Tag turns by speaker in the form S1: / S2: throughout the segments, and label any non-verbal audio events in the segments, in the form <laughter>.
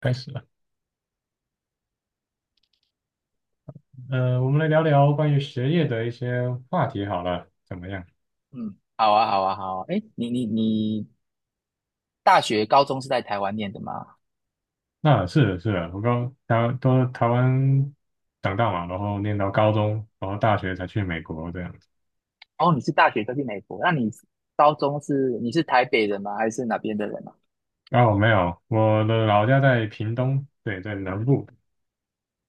S1: 开始了，我们来聊聊关于学业的一些话题好了，怎么样？
S2: 嗯，好啊，好啊，好啊。哎，你大学、高中是在台湾念的吗？
S1: 那是的，是的，我刚台都台湾长大嘛，然后念到高中，然后大学才去美国这样子。
S2: 哦，你是大学都去美国，那你高中是你是台北人吗？还是哪边的人啊？
S1: 哦，没有，我的老家在屏东，对，在南部。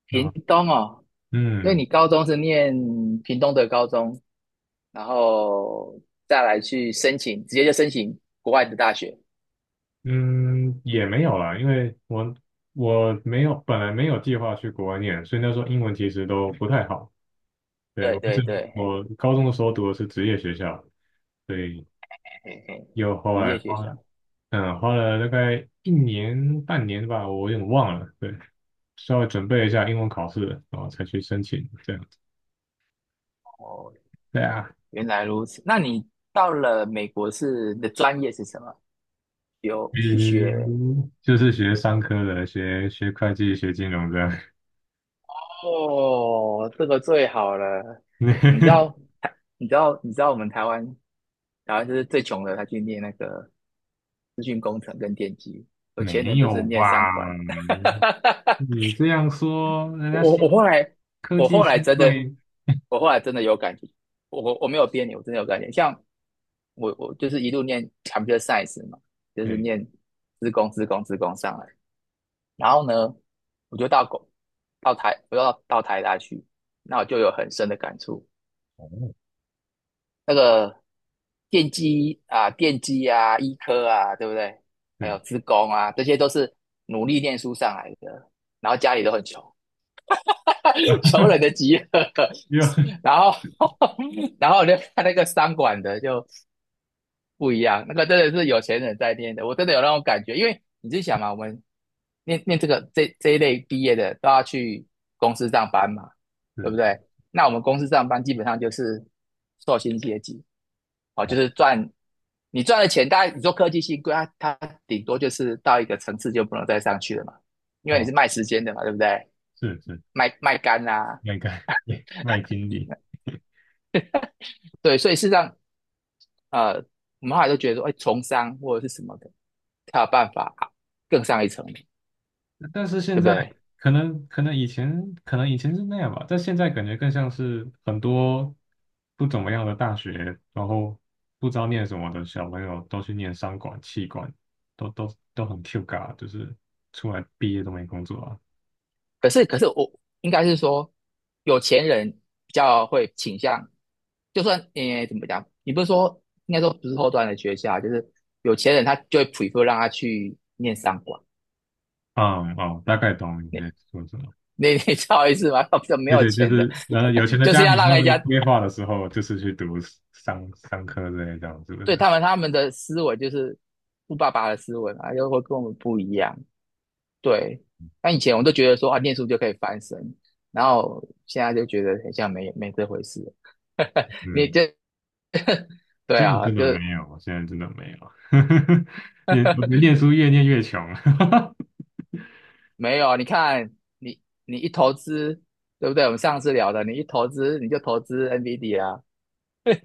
S2: 屏
S1: 嗯
S2: 东哦，所以
S1: 嗯
S2: 你高中是念屏东的高中，然后再来去申请，直接就申请国外的大学。
S1: 嗯，也没有啦，因为我我没有本来没有计划去国外念，所以那时候英文其实都不太好。对，
S2: 对
S1: 我
S2: 对
S1: 只
S2: 对，嘿
S1: 我高中的时候读的是职业学校，所以。
S2: 嘿嘿，
S1: 又后
S2: 职
S1: 来
S2: 业学
S1: 花
S2: 校。
S1: 了，嗯，花了大概一年半年吧，我有点忘了。对，稍微准备了一下英文考试，然后才去申请这样子。
S2: 哦，
S1: 对啊，
S2: 原来如此。那你到了美国是你的专业是什么？有去学？
S1: 嗯，就是学商科的，学会计、学金融的。
S2: 哦，这个最好了。你知道
S1: <laughs>
S2: 台，你知道我们台湾，台湾就是最穷的，他去念那个资讯工程跟电机，有
S1: 没
S2: 钱人都是
S1: 有吧？
S2: 念商管。<laughs>
S1: 你这样说，人
S2: 我
S1: 家
S2: 我
S1: 新
S2: 我后来，
S1: 科
S2: 我
S1: 技
S2: 后来
S1: 新
S2: 真的，
S1: 贵，
S2: 我后来真的有感觉，我没有编你，我真的有感觉。像我就是一路念 computer science 嘛，就是
S1: 哎，
S2: 念资工上来。然后呢，我就到狗我就到台大去，那我就有很深的感触。
S1: 哦，
S2: 那个电机啊、医科啊，对不对？还
S1: 对，
S2: 有资工啊，这些都是努力念书上来的，然后家里都很穷，<laughs> 穷人的集合。
S1: 又 <laughs>
S2: <laughs> 然后，<laughs> 然后我就看那个商管的，就不一样，那个真的是有钱人在念的，我真的有那种感觉，因为你自己想嘛，我们念这个这一类毕业的都要去公司上班嘛，对不
S1: 是
S2: 对？那我们公司上班基本上就是受薪阶级，哦，就
S1: 哦。
S2: 是赚你赚的钱，大概你做科技系，贵，它顶多就是到一个层次就不能再上去了嘛，因为你
S1: 哦，
S2: 是卖时间的嘛，对不对？
S1: 是是，
S2: 卖肝啊，
S1: 那个 <laughs> 麦经理。
S2: 对，所以事实上，呃，我们后来都觉得说，哎，从商或者是什么的，才有办法更上一层楼，
S1: 但是现
S2: 对不
S1: 在
S2: 对？
S1: 可能，可能以前是那样吧，但现在感觉更像是很多不怎么样的大学，然后不知道念什么的小朋友都去念商管、气管，都很 Q 嘎，就是出来毕业都没工作啊。
S2: 可是我应该是说，有钱人比较会倾向，就算怎么讲，你不是说应该说不是后端的学校，就是有钱人他就会 prefer 让他去念商管，
S1: 嗯哦，大概懂你在说什么。
S2: 你 <laughs> 你知道我意思吗？<laughs> 比较没
S1: 对
S2: 有
S1: 对，就
S2: 钱的，
S1: 是然后有钱
S2: <laughs>
S1: 的
S2: 就是
S1: 家
S2: 要
S1: 庭
S2: 让
S1: 他
S2: 人家
S1: 们规划的时候，就是去读商科之类这样，是不
S2: 对
S1: 是？
S2: 他们的思维就是富爸爸的思维嘛，又会跟我们不一样。对，那以前我都觉得说啊，念书就可以翻身，然后现在就觉得很像没这回事。<laughs> 你
S1: 嗯，
S2: 这对
S1: 现在
S2: 啊，
S1: 真的
S2: 就
S1: 没
S2: 是
S1: 有，我现在真的没有。<laughs> 念，我们念书越念越穷。<laughs>
S2: 没有啊。你看，你一投资，对不对？我们上次聊的，你一投资你就投资 NVD 啊，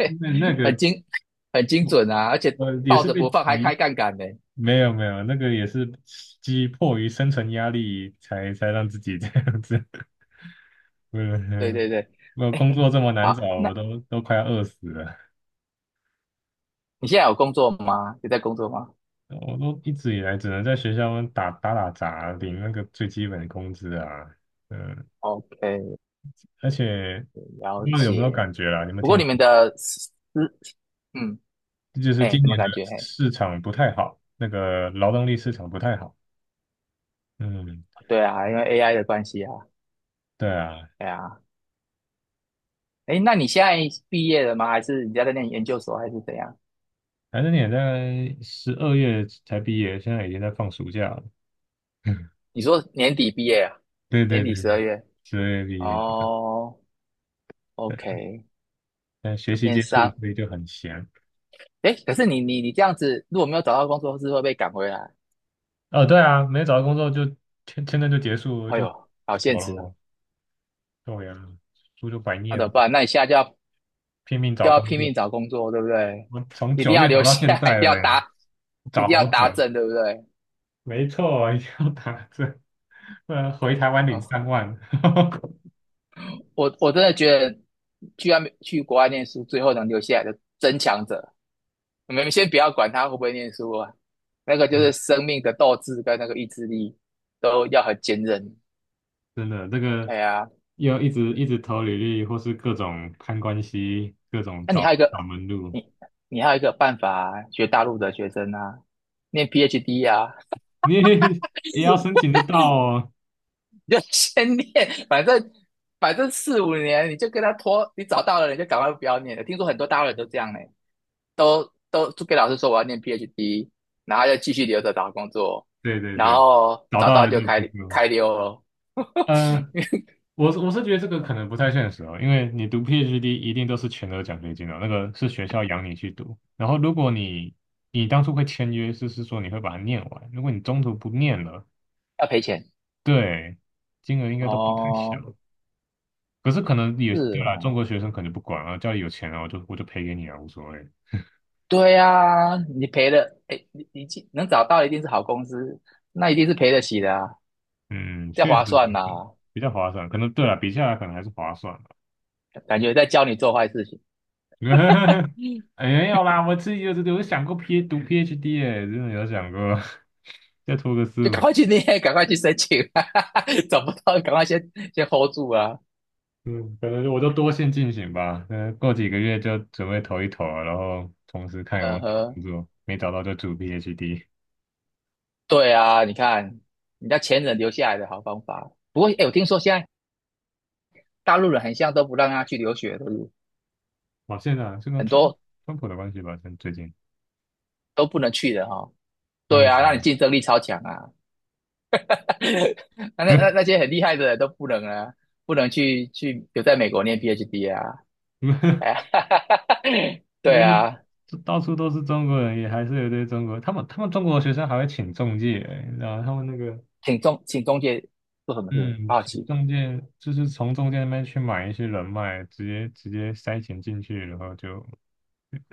S1: 那那
S2: 很
S1: 个
S2: 精很精
S1: 我
S2: 准啊，而且
S1: 我也
S2: 抱
S1: 是
S2: 着
S1: 被
S2: 不放还开
S1: 急，
S2: 杠杆呢。
S1: 没有没有，那个也是逼迫于生存压力才让自己这样子。<laughs>
S2: 对
S1: 嗯，
S2: 对对，
S1: 我
S2: 哎，
S1: 工作这么难找，
S2: 好，那
S1: 我快要饿死了。
S2: 你现在有工作吗？有在工作吗
S1: 我都一直以来只能在学校打杂，领那个最基本的工资啊。嗯，
S2: ？OK，
S1: 而且不
S2: 了
S1: 知道有没有
S2: 解。
S1: 感觉啦？你们
S2: 不过
S1: 听，
S2: 你们的私，嗯，
S1: 这就是
S2: 哎，
S1: 今
S2: 什么
S1: 年的
S2: 感觉？嘿
S1: 市场不太好，那个劳动力市场不太好。嗯，
S2: 对啊，因为 AI 的关系啊，
S1: 对啊，
S2: 对啊。哎，那你现在毕业了吗？还是你在那念研究所，还是怎样？
S1: 反正你也在十二月才毕业，现在已经在放暑假了。<laughs>
S2: 你说年底毕业啊？
S1: 对
S2: 年
S1: 对对，
S2: 底十二月？
S1: 12月毕业，
S2: 哦，OK，
S1: 但学习
S2: 念
S1: 接触
S2: 商。
S1: 所以就很闲。
S2: 哎，可是你这样子，如果没有找到工作，是会被赶回来。
S1: 哦，对啊，没找到工作就签证就结束了
S2: 哎
S1: 就
S2: 呦，好现
S1: 走了
S2: 实啊！
S1: 我，对呀，书就白
S2: 那
S1: 念
S2: 怎
S1: 了，
S2: 么办？那你现在
S1: 拼命找
S2: 就要
S1: 工
S2: 拼
S1: 作。
S2: 命找工作，对不对？
S1: 我从
S2: 一定
S1: 九
S2: 要
S1: 月找
S2: 留
S1: 到
S2: 下
S1: 现
S2: 来
S1: 在了欸，
S2: 一
S1: 找
S2: 定要
S1: 好
S2: 答
S1: 久。
S2: 正，对不对？
S1: 没错，要打针，不然回台湾领
S2: 哦
S1: 3万。<laughs>
S2: 我真的觉得去外面去国外念书，最后能留下来的争强者，我们先不要管他会不会念书啊，那个就是生命的斗志跟那个意志力都要很坚韧。
S1: 真的，这个
S2: 对啊，
S1: 要一直一直投履历，或是各种攀关系，各种
S2: 那你
S1: 找
S2: 还有一
S1: 找
S2: 个，
S1: 门路。
S2: 你你还有一个办法啊学大陆的学生啊，念 PhD 啊，
S1: 你 <laughs> 也要申请得到哦。
S2: <laughs> 你就先念，反正反正四五年你就跟他拖，你找到了你就赶快不要念了。听说很多大陆人都这样呢、都就跟老师说我要念 PhD，然后就继续留着找工作，
S1: 对对
S2: 然
S1: 对，
S2: 后
S1: 找
S2: 找
S1: 到
S2: 到
S1: 了
S2: 就
S1: 就不错。
S2: 开溜了，<laughs>
S1: 呃，我觉得这个可能不太现实哦，因为你读 PhD 一定都是全额奖学金哦，那个是学校养你去读。然后如果你你当初会签约，就是说你会把它念完，如果你中途不念了，
S2: 要赔钱
S1: 对，金额应该都不太小。
S2: 哦，
S1: 可是可能也
S2: 是
S1: 对啦，中
S2: 哦，
S1: 国学生可能就不管啊，家里有钱啊，我就赔给你啊，无所谓。
S2: 对啊，你赔了，哎，你既能找到一定是好公司，那一定是赔得起的啊，
S1: 嗯，
S2: 这
S1: 确
S2: 划
S1: 实有可
S2: 算呐、
S1: 能比较划算，可能对啦，比下来可能还是划算的。
S2: 感觉在教你做坏事情，
S1: <laughs> 没有啦，我自己有想过 P 读 PhD 哎、真的有想过。<laughs> 再拖个四
S2: 就赶
S1: 五，
S2: 快去念，<laughs> 赶快去申请啊，<laughs> 找不到赶快先 hold 住啊，
S1: 嗯，可能就多线进行吧。嗯，过几个月就准备投一投啊，然后同时看有没
S2: 呃
S1: 有找
S2: 呵，
S1: 工作，没找到就读 PhD。
S2: 对啊，你看人家前人留下来的好方法，不过哎，我听说现在大陆人很像都不让他去留学，对不对
S1: 哇，现在啊是跟
S2: 很
S1: 川
S2: 多
S1: 川普的关系吧，像最近，
S2: 都不能去的哈、哦。对啊，那你
S1: 嗯。
S2: 竞争力超强啊！<laughs> 那那些很厉害的人都不能啊，不能去留在美国念 PhD 啊！<laughs> 哎呀，<laughs> 对
S1: 嗯，
S2: 啊，
S1: 这到处都是中国人，也还是有一堆中国。他们中国学生还会请中介，然后他们那个，
S2: 请中介做什么事？
S1: 嗯，
S2: 好
S1: 请
S2: 奇，
S1: 中介就是从中介那边去买一些人脉，直接直接塞钱进去，然后就，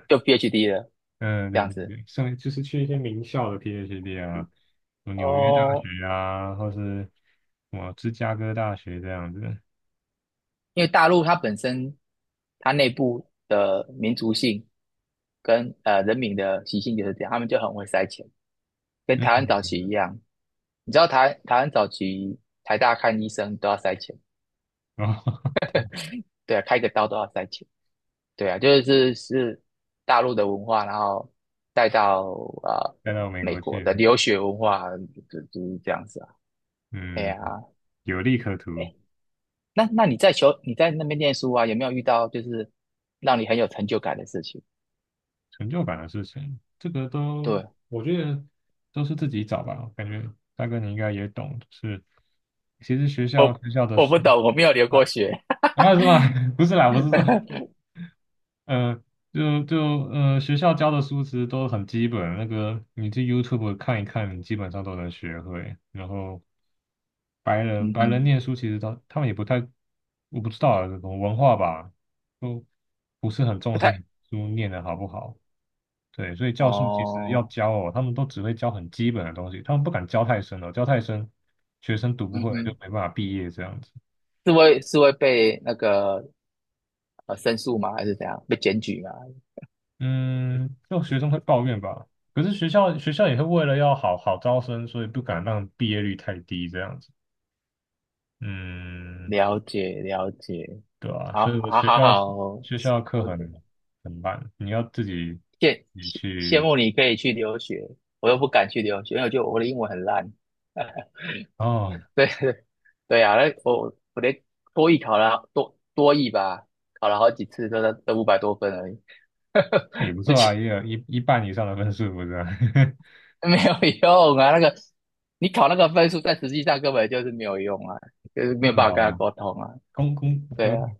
S2: 就 PhD 了
S1: 嗯，
S2: 这
S1: 对
S2: 样
S1: 对
S2: 子
S1: 对，剩就是去一些名校的 PhD 啊，什么纽约大
S2: 哦，
S1: 学啊，或是什么芝加哥大学这样子。
S2: 因为大陆它本身它内部的民族性跟人民的习性就是这样，他们就很会塞钱，跟
S1: 嗯，
S2: 台湾早期一样，你知道台湾早期台大看医生都要塞钱，
S1: 然后 <laughs>
S2: 对啊，开个刀都要塞钱，对啊，就是大陆的文化，然后带到呃
S1: 带到美
S2: 美
S1: 国
S2: 国
S1: 去
S2: 的
S1: 了。
S2: 留学文化，就是这样子啊。哎
S1: 嗯，
S2: 呀、
S1: 有利可图。
S2: 哎，那你在那边念书啊，有没有遇到就是让你很有成就感的事情？
S1: 成就感的事情，这个都，
S2: 对，
S1: 我觉得都是自己找吧。感觉大哥你应该也懂，就是其实学校
S2: 我
S1: 学校的
S2: 我不
S1: 书
S2: 懂，我没有留过
S1: 啊。
S2: 学，
S1: 啊是吗？<laughs> 不是啦，我是说，呃，就就学校教的书其实都很基本，那个你去 YouTube 看一看，你基本上都能学会。然后白
S2: <laughs>
S1: 人
S2: 嗯
S1: 白人
S2: 哼，
S1: 念书其实他们也不太，我不知道啊，这种文化吧，都不是很重
S2: 不
S1: 视
S2: 太
S1: 你书念的好不好。对，所以教训其实要
S2: 哦，
S1: 教哦，他们都只会教很基本的东西，他们不敢教太深了，教太深，学生读不
S2: 嗯
S1: 会就
S2: 哼，
S1: 没办法毕业这样子。
S2: 是会被那个申诉吗？还是怎样？被检举吗？
S1: 嗯，就学生会抱怨吧，可是学校也会为了要好好招生，所以不敢让毕业率太低这样子。嗯，
S2: 了解了解，
S1: 对啊，
S2: 好，
S1: 所以我
S2: 好，
S1: 学
S2: 好，
S1: 校
S2: 好，
S1: 学校课
S2: 我
S1: 很烂，你要自己你
S2: 羡
S1: 去。
S2: 慕你可以去留学，我又不敢去留学，因为就我的英文很烂。<laughs>
S1: 哦，
S2: 对对对啊，那我连多译考了多译吧，考了好几次都在都五百多分而已，
S1: 那也不
S2: <laughs> 之
S1: 错啊，也
S2: 前
S1: 有一半以上的分数不是啊？<laughs>
S2: 没有用啊。那个你考那个分数，在实际上根本就是没有用啊，就是
S1: 是
S2: 没有办法跟他
S1: 啊，
S2: 沟通啊。
S1: 公公，
S2: 对啊。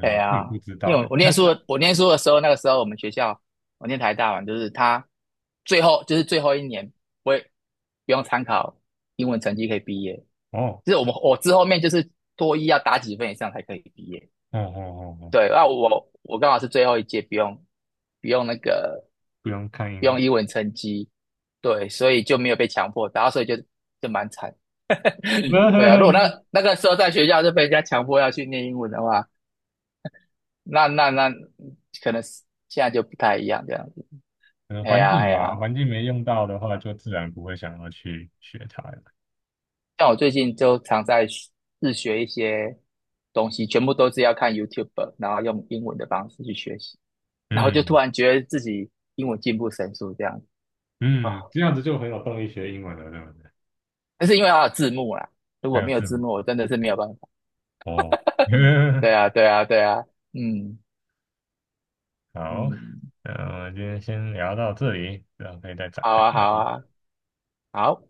S2: 对
S1: 我也不
S2: 呀，
S1: 知
S2: 因
S1: 道
S2: 为
S1: 哎，看
S2: 我念书的时候，那个时候我们学校，我念台大嘛，就是他最后一年不会不用参考英文成绩可以毕业，
S1: 哦
S2: 就是我们我之后面就是多一要打几分以上才可以毕业。
S1: <laughs> 哦哦哦哦，
S2: 对，那我刚好是最后一届不用那个
S1: 不用看
S2: 不
S1: 英
S2: 用
S1: 文。
S2: 英文成绩，对，所以就没有被强迫，打，后所以就蛮惨。<laughs> 对啊，如果
S1: <laughs>
S2: 那个时候在学校就被人家强迫要去念英文的话，那可能是现在就不太一样这样子。
S1: 嗯，
S2: 哎
S1: 环
S2: 呀
S1: 境
S2: 哎
S1: 吧，
S2: 呀，
S1: 环境没用到的话，就自然不会想要去学它了。
S2: 像我最近就常在学自学一些东西，全部都是要看 YouTube，然后用英文的方式去学习，然后就突
S1: 嗯
S2: 然觉得自己英文进步神速这样子啊。
S1: 嗯，这样子就很有动力学英文了，对不对？
S2: 但是因为它有字幕啦，如
S1: 还
S2: 果
S1: 有
S2: 没有
S1: 字
S2: 字
S1: 母
S2: 幕，我真的是没有办法。
S1: 哦，<laughs>
S2: 对啊对啊对啊，嗯
S1: 好，
S2: 嗯，
S1: 那我们今天先聊到这里，然后可以再展
S2: 好
S1: 开
S2: 啊
S1: 看。
S2: 好啊好。